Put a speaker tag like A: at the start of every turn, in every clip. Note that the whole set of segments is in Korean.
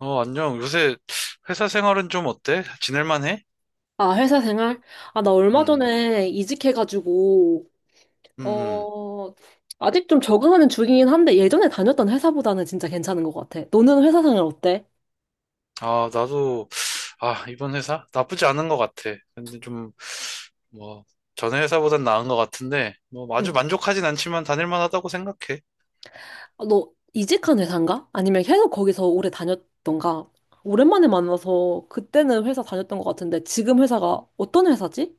A: 어, 안녕. 요새 회사 생활은 좀 어때? 지낼만 해?
B: 아, 회사 생활? 아, 나 얼마
A: 음,
B: 전에 이직해가지고,
A: 음, 음.
B: 어, 아직 좀 적응하는 중이긴 한데, 예전에 다녔던 회사보다는 진짜 괜찮은 것 같아. 너는 회사 생활 어때?
A: 아, 나도, 아, 이번 회사? 나쁘지 않은 것 같아. 근데 좀, 뭐, 전에 회사보단 나은 것 같은데, 뭐, 아주
B: 응.
A: 만족하진 않지만 다닐만 하다고 생각해.
B: 아, 너 이직한 회사인가? 아니면 계속 거기서 오래 다녔던가? 오랜만에 만나서 그때는 회사 다녔던 것 같은데, 지금 회사가 어떤 회사지?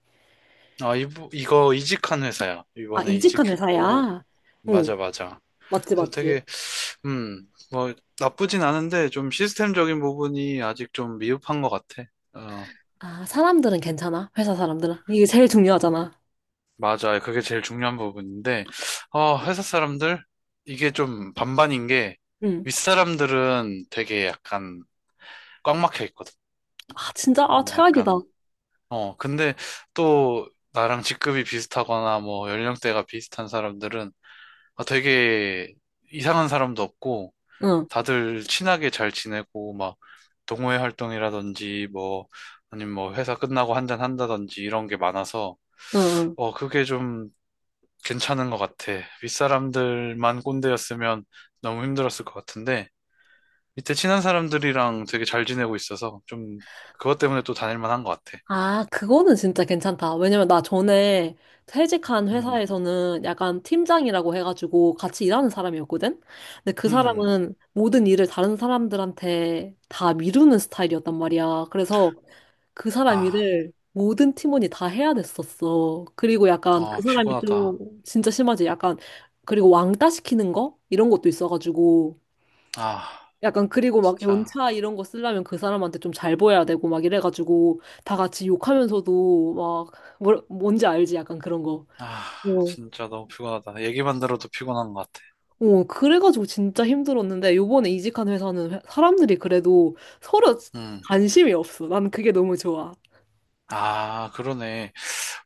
A: 아, 이거 이직한 회사야.
B: 아,
A: 이번에
B: 이직한
A: 이직했고,
B: 회사야? 응,
A: 맞아, 맞아.
B: 맞지,
A: 그래서
B: 맞지.
A: 되게, 뭐, 나쁘진 않은데, 좀 시스템적인 부분이 아직 좀 미흡한 것 같아. 어,
B: 아, 사람들은 괜찮아? 회사 사람들은? 이게 제일 중요하잖아.
A: 맞아요. 그게 제일 중요한 부분인데, 어, 회사 사람들? 이게 좀 반반인 게,
B: 응.
A: 윗사람들은 되게 약간 꽉 막혀 있거든.
B: 아, 진짜, 아, 최악이다.
A: 약간, 어, 근데 또 나랑 직급이 비슷하거나 뭐 연령대가 비슷한 사람들은 아, 되게 이상한 사람도 없고,
B: 응,
A: 다들 친하게 잘 지내고, 막 동호회 활동이라든지 뭐, 아니면 뭐 회사 끝나고 한잔 한다든지 이런 게 많아서,
B: 응. 응.
A: 어, 그게 좀 괜찮은 것 같아. 윗사람들만 꼰대였으면 너무 힘들었을 것 같은데, 밑에 친한 사람들이랑 되게 잘 지내고 있어서 좀 그것 때문에 또 다닐 만한 것 같아.
B: 아, 그거는 진짜 괜찮다. 왜냐면 나 전에 퇴직한
A: 음,
B: 회사에서는 약간 팀장이라고 해가지고 같이 일하는 사람이었거든? 근데 그
A: 음,
B: 사람은 모든 일을 다른 사람들한테 다 미루는 스타일이었단 말이야. 그래서 그 사람
A: 아,
B: 일을 모든 팀원이 다 해야 됐었어. 그리고 약간
A: 어,
B: 그 사람이 좀
A: 피곤하다.
B: 진짜 심하지. 약간 그리고 왕따 시키는 거? 이런 것도 있어가지고.
A: 아,
B: 약간 그리고 막
A: 진짜,
B: 연차 이런 거 쓰려면 그 사람한테 좀 잘 보여야 되고 막 이래가지고 다 같이 욕하면서도 막 뭔지 알지 약간 그런 거.
A: 아,
B: 어.
A: 진짜 너무 피곤하다. 얘기만 들어도 피곤한 것 같아.
B: 어, 그래가지고 진짜 힘들었는데 요번에 이직한 회사는 사람들이 그래도 서로
A: 음,
B: 관심이 없어. 난 그게 너무 좋아.
A: 아, 그러네.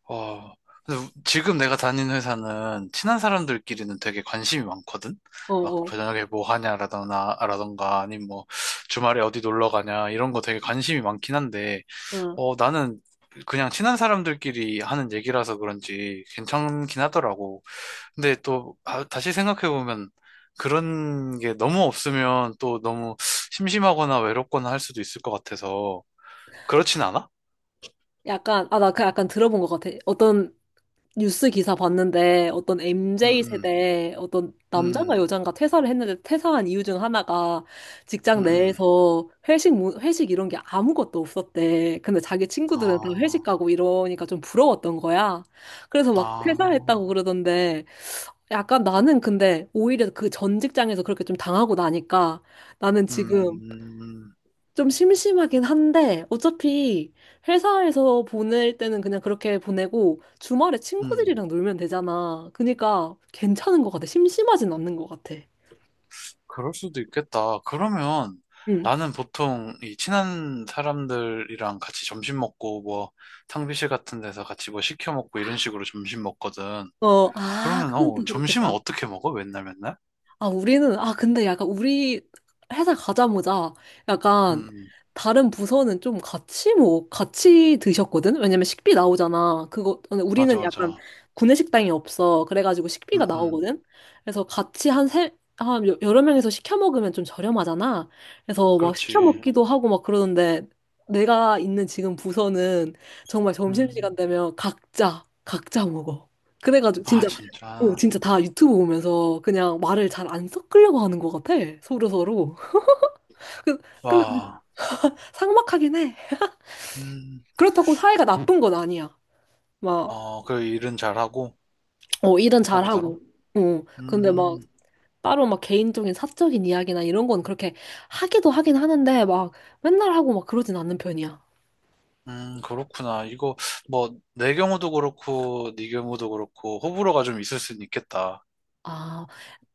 A: 어, 근데 지금 내가 다니는 회사는 친한 사람들끼리는 되게 관심이 많거든?
B: 어,
A: 막
B: 어.
A: 저녁에 뭐 하냐라던가, 라던가, 아니면 뭐 주말에 어디 놀러 가냐, 이런 거 되게 관심이 많긴 한데,
B: 어.
A: 어, 나는 그냥 친한 사람들끼리 하는 얘기라서 그런지 괜찮긴 하더라고. 근데 또, 아, 다시 생각해보면, 그런 게 너무 없으면 또 너무 심심하거나 외롭거나 할 수도 있을 것 같아서, 그렇진 않아?
B: 약간 아 나 그 약간 들어본 것 같아. 어떤 뉴스 기사 봤는데 어떤 m
A: 음,
B: j
A: 음,
B: 세대 어떤 남자가
A: 음,
B: 여잔가 퇴사를 했는데 퇴사한 이유 중 하나가 직장
A: 음, 음, 음.
B: 내에서 회식 이런 게 아무것도 없었대. 근데 자기 친구들은 다 회식
A: 아.
B: 가고 이러니까 좀 부러웠던 거야. 그래서 막
A: 아,
B: 퇴사했다고 그러던데 약간 나는 근데 오히려 그 전 직장에서 그렇게 좀 당하고 나니까 나는
A: 음,
B: 지금
A: 음,
B: 좀 심심하긴 한데, 어차피 회사에서 보낼 때는 그냥 그렇게 보내고, 주말에
A: 음.
B: 친구들이랑 놀면 되잖아. 그니까 괜찮은 것 같아. 심심하진 않는 것 같아.
A: 그럴 수도 있겠다. 그러면
B: 응.
A: 나는 보통 이 친한 사람들이랑 같이 점심 먹고 뭐 탕비실 같은 데서 같이 뭐 시켜 먹고 이런 식으로 점심 먹거든.
B: 어, 아,
A: 그러면
B: 그건
A: 어,
B: 또
A: 점심은
B: 그렇겠다.
A: 어떻게 먹어? 맨날 맨날?
B: 아, 우리는, 아, 근데 약간 우리 회사 가자마자
A: 음,
B: 약간
A: 음.
B: 다른 부서는 좀 같이 뭐, 같이 드셨거든? 왜냐면 식비 나오잖아. 그거, 근데 우리는
A: 맞아,
B: 약간
A: 맞아.
B: 구내식당이 없어. 그래가지고
A: 음,
B: 식비가
A: 음,
B: 나오거든? 그래서 같이 한 세, 한 여- 여러 명이서 시켜 먹으면 좀 저렴하잖아. 그래서 막 시켜
A: 그렇지.
B: 먹기도 하고 막 그러는데 내가 있는 지금 부서는 정말 점심시간
A: 음,
B: 되면 각자 먹어. 그래가지고
A: 아,
B: 진짜 어,
A: 진짜.
B: 진짜 다 유튜브 보면서 그냥 말을 잘 안 섞으려고 하는 것 같아. 서로서로. 그- 근데
A: 와,
B: 삭막하긴 해.
A: 음,
B: 그렇다고 사이가 나쁜 건 아니야. 막,
A: 어, 그 일은 잘하고
B: 어, 일은
A: 서로
B: 잘하고.
A: 서로.
B: 어, 근데 막
A: 음.
B: 따로 막 개인적인 사적인 이야기나 이런 건 그렇게 하기도 하긴 하는데 막 맨날 하고 막 그러진 않는 편이야.
A: 그렇구나. 이거, 뭐, 내 경우도 그렇고, 네 경우도 그렇고, 호불호가 좀 있을 수는 있겠다.
B: 아,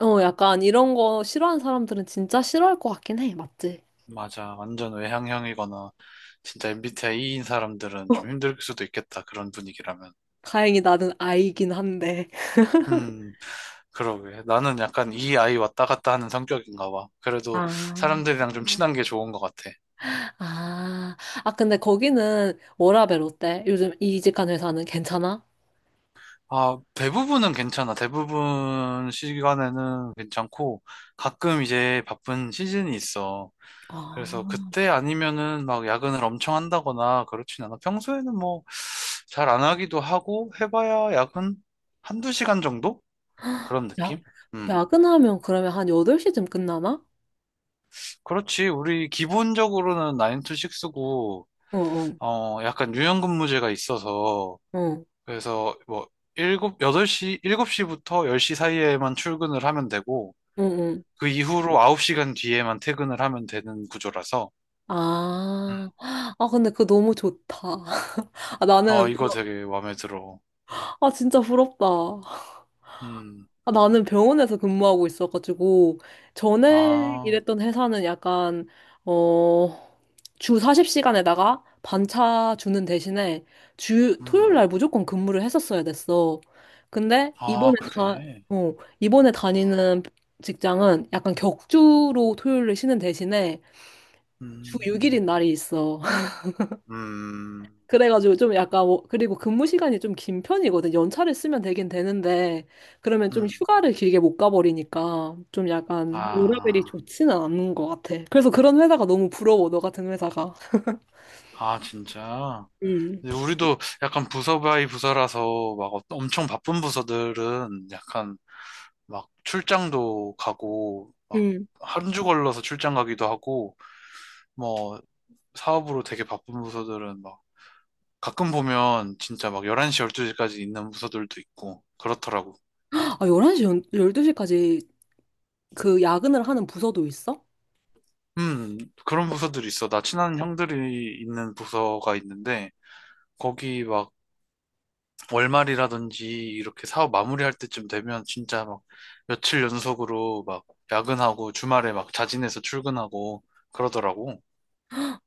B: 어, 약간 이런 거 싫어하는 사람들은 진짜 싫어할 것 같긴 해. 맞지?
A: 맞아. 완전 외향형이거나, 진짜 MBTI인 사람들은 좀 힘들 수도 있겠다. 그런 분위기라면.
B: 다행히 나는 아이긴 한데.
A: 음, 그러게. 나는 약간 이 아이 왔다 갔다 하는 성격인가 봐. 그래도
B: 아.
A: 사람들이랑 좀 친한 게 좋은 것 같아.
B: 아, 아, 근데 거기는 워라밸 어때? 요즘 이직한 회사는 괜찮아?
A: 아, 대부분은 괜찮아. 대부분 시간에는 괜찮고, 가끔 이제 바쁜 시즌이 있어. 그래서
B: 아,
A: 그때 아니면은 막 야근을 엄청 한다거나 그렇진 않아. 평소에는 뭐 잘 안 하기도 하고 해봐야 야근 한두 시간 정도? 그런
B: 야,
A: 느낌? 음.
B: 야근하면 그러면 한 8시쯤 끝나나?
A: 그렇지. 우리 기본적으로는 9 to 6고,
B: 응, 응,
A: 어, 약간 유연근무제가 있어서,
B: 응,
A: 그래서 뭐, 7, 8시, 7시부터 10시 사이에만 출근을 하면 되고,
B: 응, 응.
A: 그 이후로 9시간 뒤에만 퇴근을 하면 되는 구조라서, 음.
B: 아, 아, 근데 그거 너무 좋다. 아,
A: 어,
B: 나는,
A: 이거 되게 마음에 들어.
B: 아, 진짜 부럽다.
A: 음,
B: 아, 나는 병원에서 근무하고 있어가지고, 전에
A: 아,
B: 일했던 회사는 약간, 어, 주 40시간에다가 반차 주는 대신에 토요일
A: 음.
B: 날 무조건 근무를 했었어야 됐어. 근데
A: 아, 그래.
B: 어, 이번에 다니는 직장은 약간 격주로 토요일을 쉬는 대신에 주
A: 음,
B: 6일인 날이 있어.
A: 음,
B: 그래가지고 좀 그리고 근무 시간이 좀 긴 편이거든. 연차를 쓰면 되긴 되는데 그러면 좀
A: 음.
B: 휴가를 길게 못 가버리니까 좀 약간 워라밸이
A: 아,
B: 좋지는 않은 것 같아. 그래서 그런 회사가 너무 부러워. 너 같은 회사가.
A: 아, 진짜.
B: 음.
A: 근데 우리도 약간 부서 바이 부서라서 막 엄청 바쁜 부서들은 약간 막 출장도 가고 막
B: 음.
A: 한 주 걸러서 출장 가기도 하고 뭐 사업으로 되게 바쁜 부서들은 막 가끔 보면 진짜 막 11시, 12시까지 있는 부서들도 있고 그렇더라고.
B: 아, 12시까지 그 야근을 하는 부서도 있어?
A: 음, 그런 부서들이 있어. 나 친한 형들이 있는 부서가 있는데 거기 막 월말이라든지 이렇게 사업 마무리할 때쯤 되면 진짜 막 며칠 연속으로 막 야근하고 주말에 막 자진해서 출근하고 그러더라고.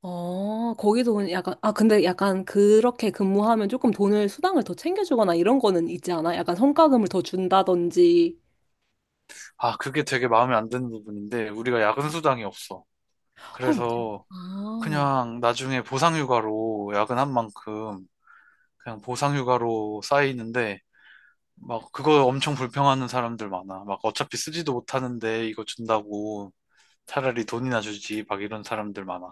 B: 어, 거기서 약간, 아, 근데 약간 그렇게 근무하면 조금 돈을, 수당을 더 챙겨주거나 이런 거는 있지 않아? 약간 성과금을 더 준다든지.
A: 아, 그게 되게 마음에 안 드는 부분인데 우리가 야근 수당이 없어.
B: 헐, 진-
A: 그래서
B: 아,
A: 그냥 나중에 보상휴가로 야근한 만큼 그냥 보상휴가로 쌓이는데 막 그거 엄청 불평하는 사람들 많아. 막 어차피 쓰지도 못하는데 이거 준다고 차라리 돈이나 주지 막 이런 사람들 많아.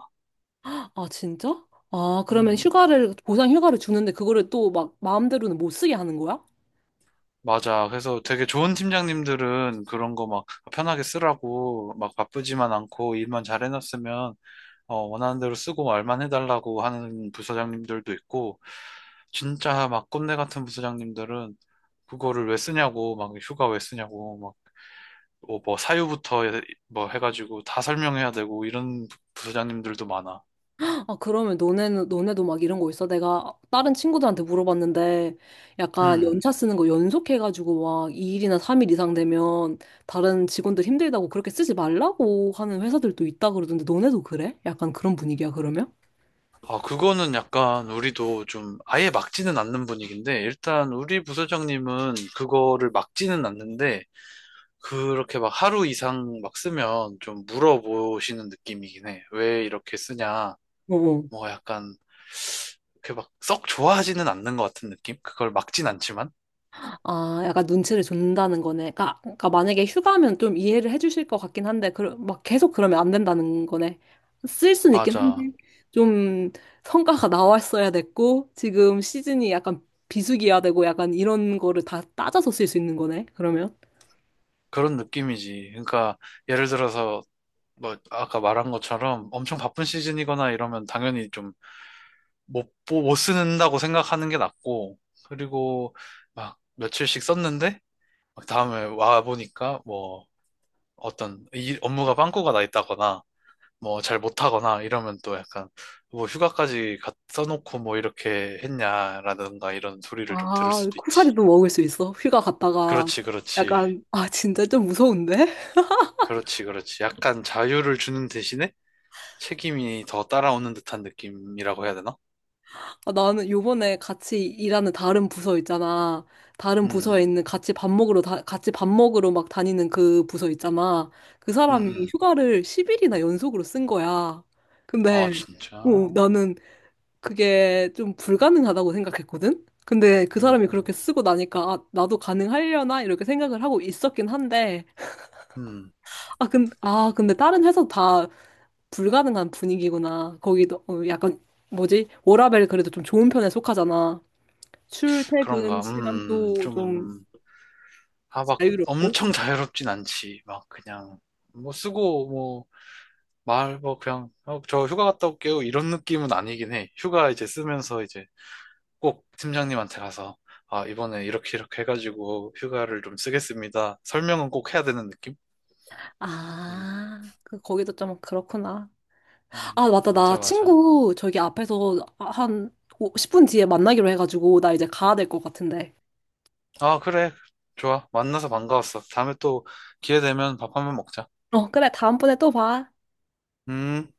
B: 아, 진짜? 아, 그러면
A: 음.
B: 휴가를, 보상 휴가를 주는데 그거를 또 막 마음대로는 못 쓰게 하는 거야?
A: 맞아. 그래서 되게 좋은 팀장님들은 그런 거 막 편하게 쓰라고 막 바쁘지만 않고 일만 잘 해놨으면 어, 원하는 대로 쓰고 말만 해달라고 하는 부서장님들도 있고 진짜 막 꼰대 같은 부서장님들은 그거를 왜 쓰냐고 막 휴가 왜 쓰냐고 막 뭐 뭐 사유부터 뭐 해가지고 다 설명해야 되고 이런 부서장님들도 많아.
B: 아, 그러면 너네도 막 이런 거 있어? 내가 다른 친구들한테 물어봤는데, 약간
A: 음.
B: 연차 쓰는 거 연속해가지고 막 2일이나 3일 이상 되면 다른 직원들 힘들다고 그렇게 쓰지 말라고 하는 회사들도 있다 그러던데, 너네도 그래? 약간 그런 분위기야, 그러면?
A: 아, 그거는 약간 우리도 좀 아예 막지는 않는 분위기인데, 일단 우리 부서장님은 그거를 막지는 않는데, 그렇게 막 하루 이상 막 쓰면 좀 물어보시는 느낌이긴 해. 왜 이렇게 쓰냐.
B: 어.
A: 뭐 약간, 그렇게 막 썩 좋아하지는 않는 것 같은 느낌? 그걸 막진 않지만?
B: 아, 약간 눈치를 준다는 거네. 그러니까 만약에 휴가면 좀 이해를 해주실 것 같긴 한데, 그, 막 계속 그러면 안 된다는 거네. 쓸 수는 있긴 한데,
A: 맞아.
B: 좀 성과가 나왔어야 됐고, 지금 시즌이 약간 비수기야 되고, 약간 이런 거를 다 따져서 쓸 수 있는 거네, 그러면.
A: 그런 느낌이지. 그러니까 예를 들어서, 뭐 아까 말한 것처럼 엄청 바쁜 시즌이거나 이러면 당연히 좀 못 쓰는다고 생각하는 게 낫고, 그리고 막 며칠씩 썼는데, 막 다음에 와 보니까 뭐 어떤 이 업무가 빵꾸가 나 있다거나, 뭐 잘 못하거나 이러면 또 약간 뭐 휴가까지 갖 써놓고 뭐 이렇게 했냐라든가 이런 소리를 좀 들을
B: 아,
A: 수도 있지.
B: 코사리도 먹을 수 있어. 휴가 갔다가.
A: 그렇지, 그렇지,
B: 약간, 아, 진짜 좀 무서운데?
A: 그렇지, 그렇지. 약간 자유를 주는 대신에 책임이 더 따라오는 듯한 느낌이라고 해야 되나?
B: 아, 나는 요번에 같이 일하는 다른 부서 있잖아. 다른
A: 음,
B: 부서에 있는 같이 밥 먹으러 막 다니는 그 부서 있잖아. 그
A: 음,
B: 사람이
A: 음.
B: 휴가를 10일이나 연속으로 쓴 거야. 근데,
A: 아, 진짜.
B: 어, 나는 그게 좀 불가능하다고 생각했거든? 근데 그 사람이 그렇게
A: 음,
B: 쓰고 나니까, 아, 나도 가능하려나? 이렇게 생각을 하고 있었긴 한데,
A: 음.
B: 아, 근데 다른 회사 다 불가능한 분위기구나. 거기도 어, 약간 뭐지? 워라밸 그래도 좀 좋은 편에 속하잖아. 출퇴근
A: 그런가,
B: 시간도 좀
A: 좀, 아, 막
B: 자유롭고.
A: 엄청 자유롭진 않지. 막 그냥, 뭐 쓰고, 뭐, 말, 뭐 그냥, 어, 저 휴가 갔다 올게요. 이런 느낌은 아니긴 해. 휴가 이제 쓰면서 이제 꼭 팀장님한테 가서, 아, 이번에 이렇게 이렇게 해가지고 휴가를 좀 쓰겠습니다. 설명은 꼭 해야 되는 느낌? 음,
B: 아, 그, 거기도 좀 그렇구나. 아, 맞다.
A: 맞아,
B: 나
A: 맞아.
B: 친구 저기 앞에서 한 10분 뒤에 만나기로 해가지고, 나 이제 가야 될 것 같은데.
A: 아, 그래. 좋아. 만나서 반가웠어. 다음에 또 기회 되면 밥 한 번 먹자.
B: 어, 그래. 다음번에 또 봐.
A: 음.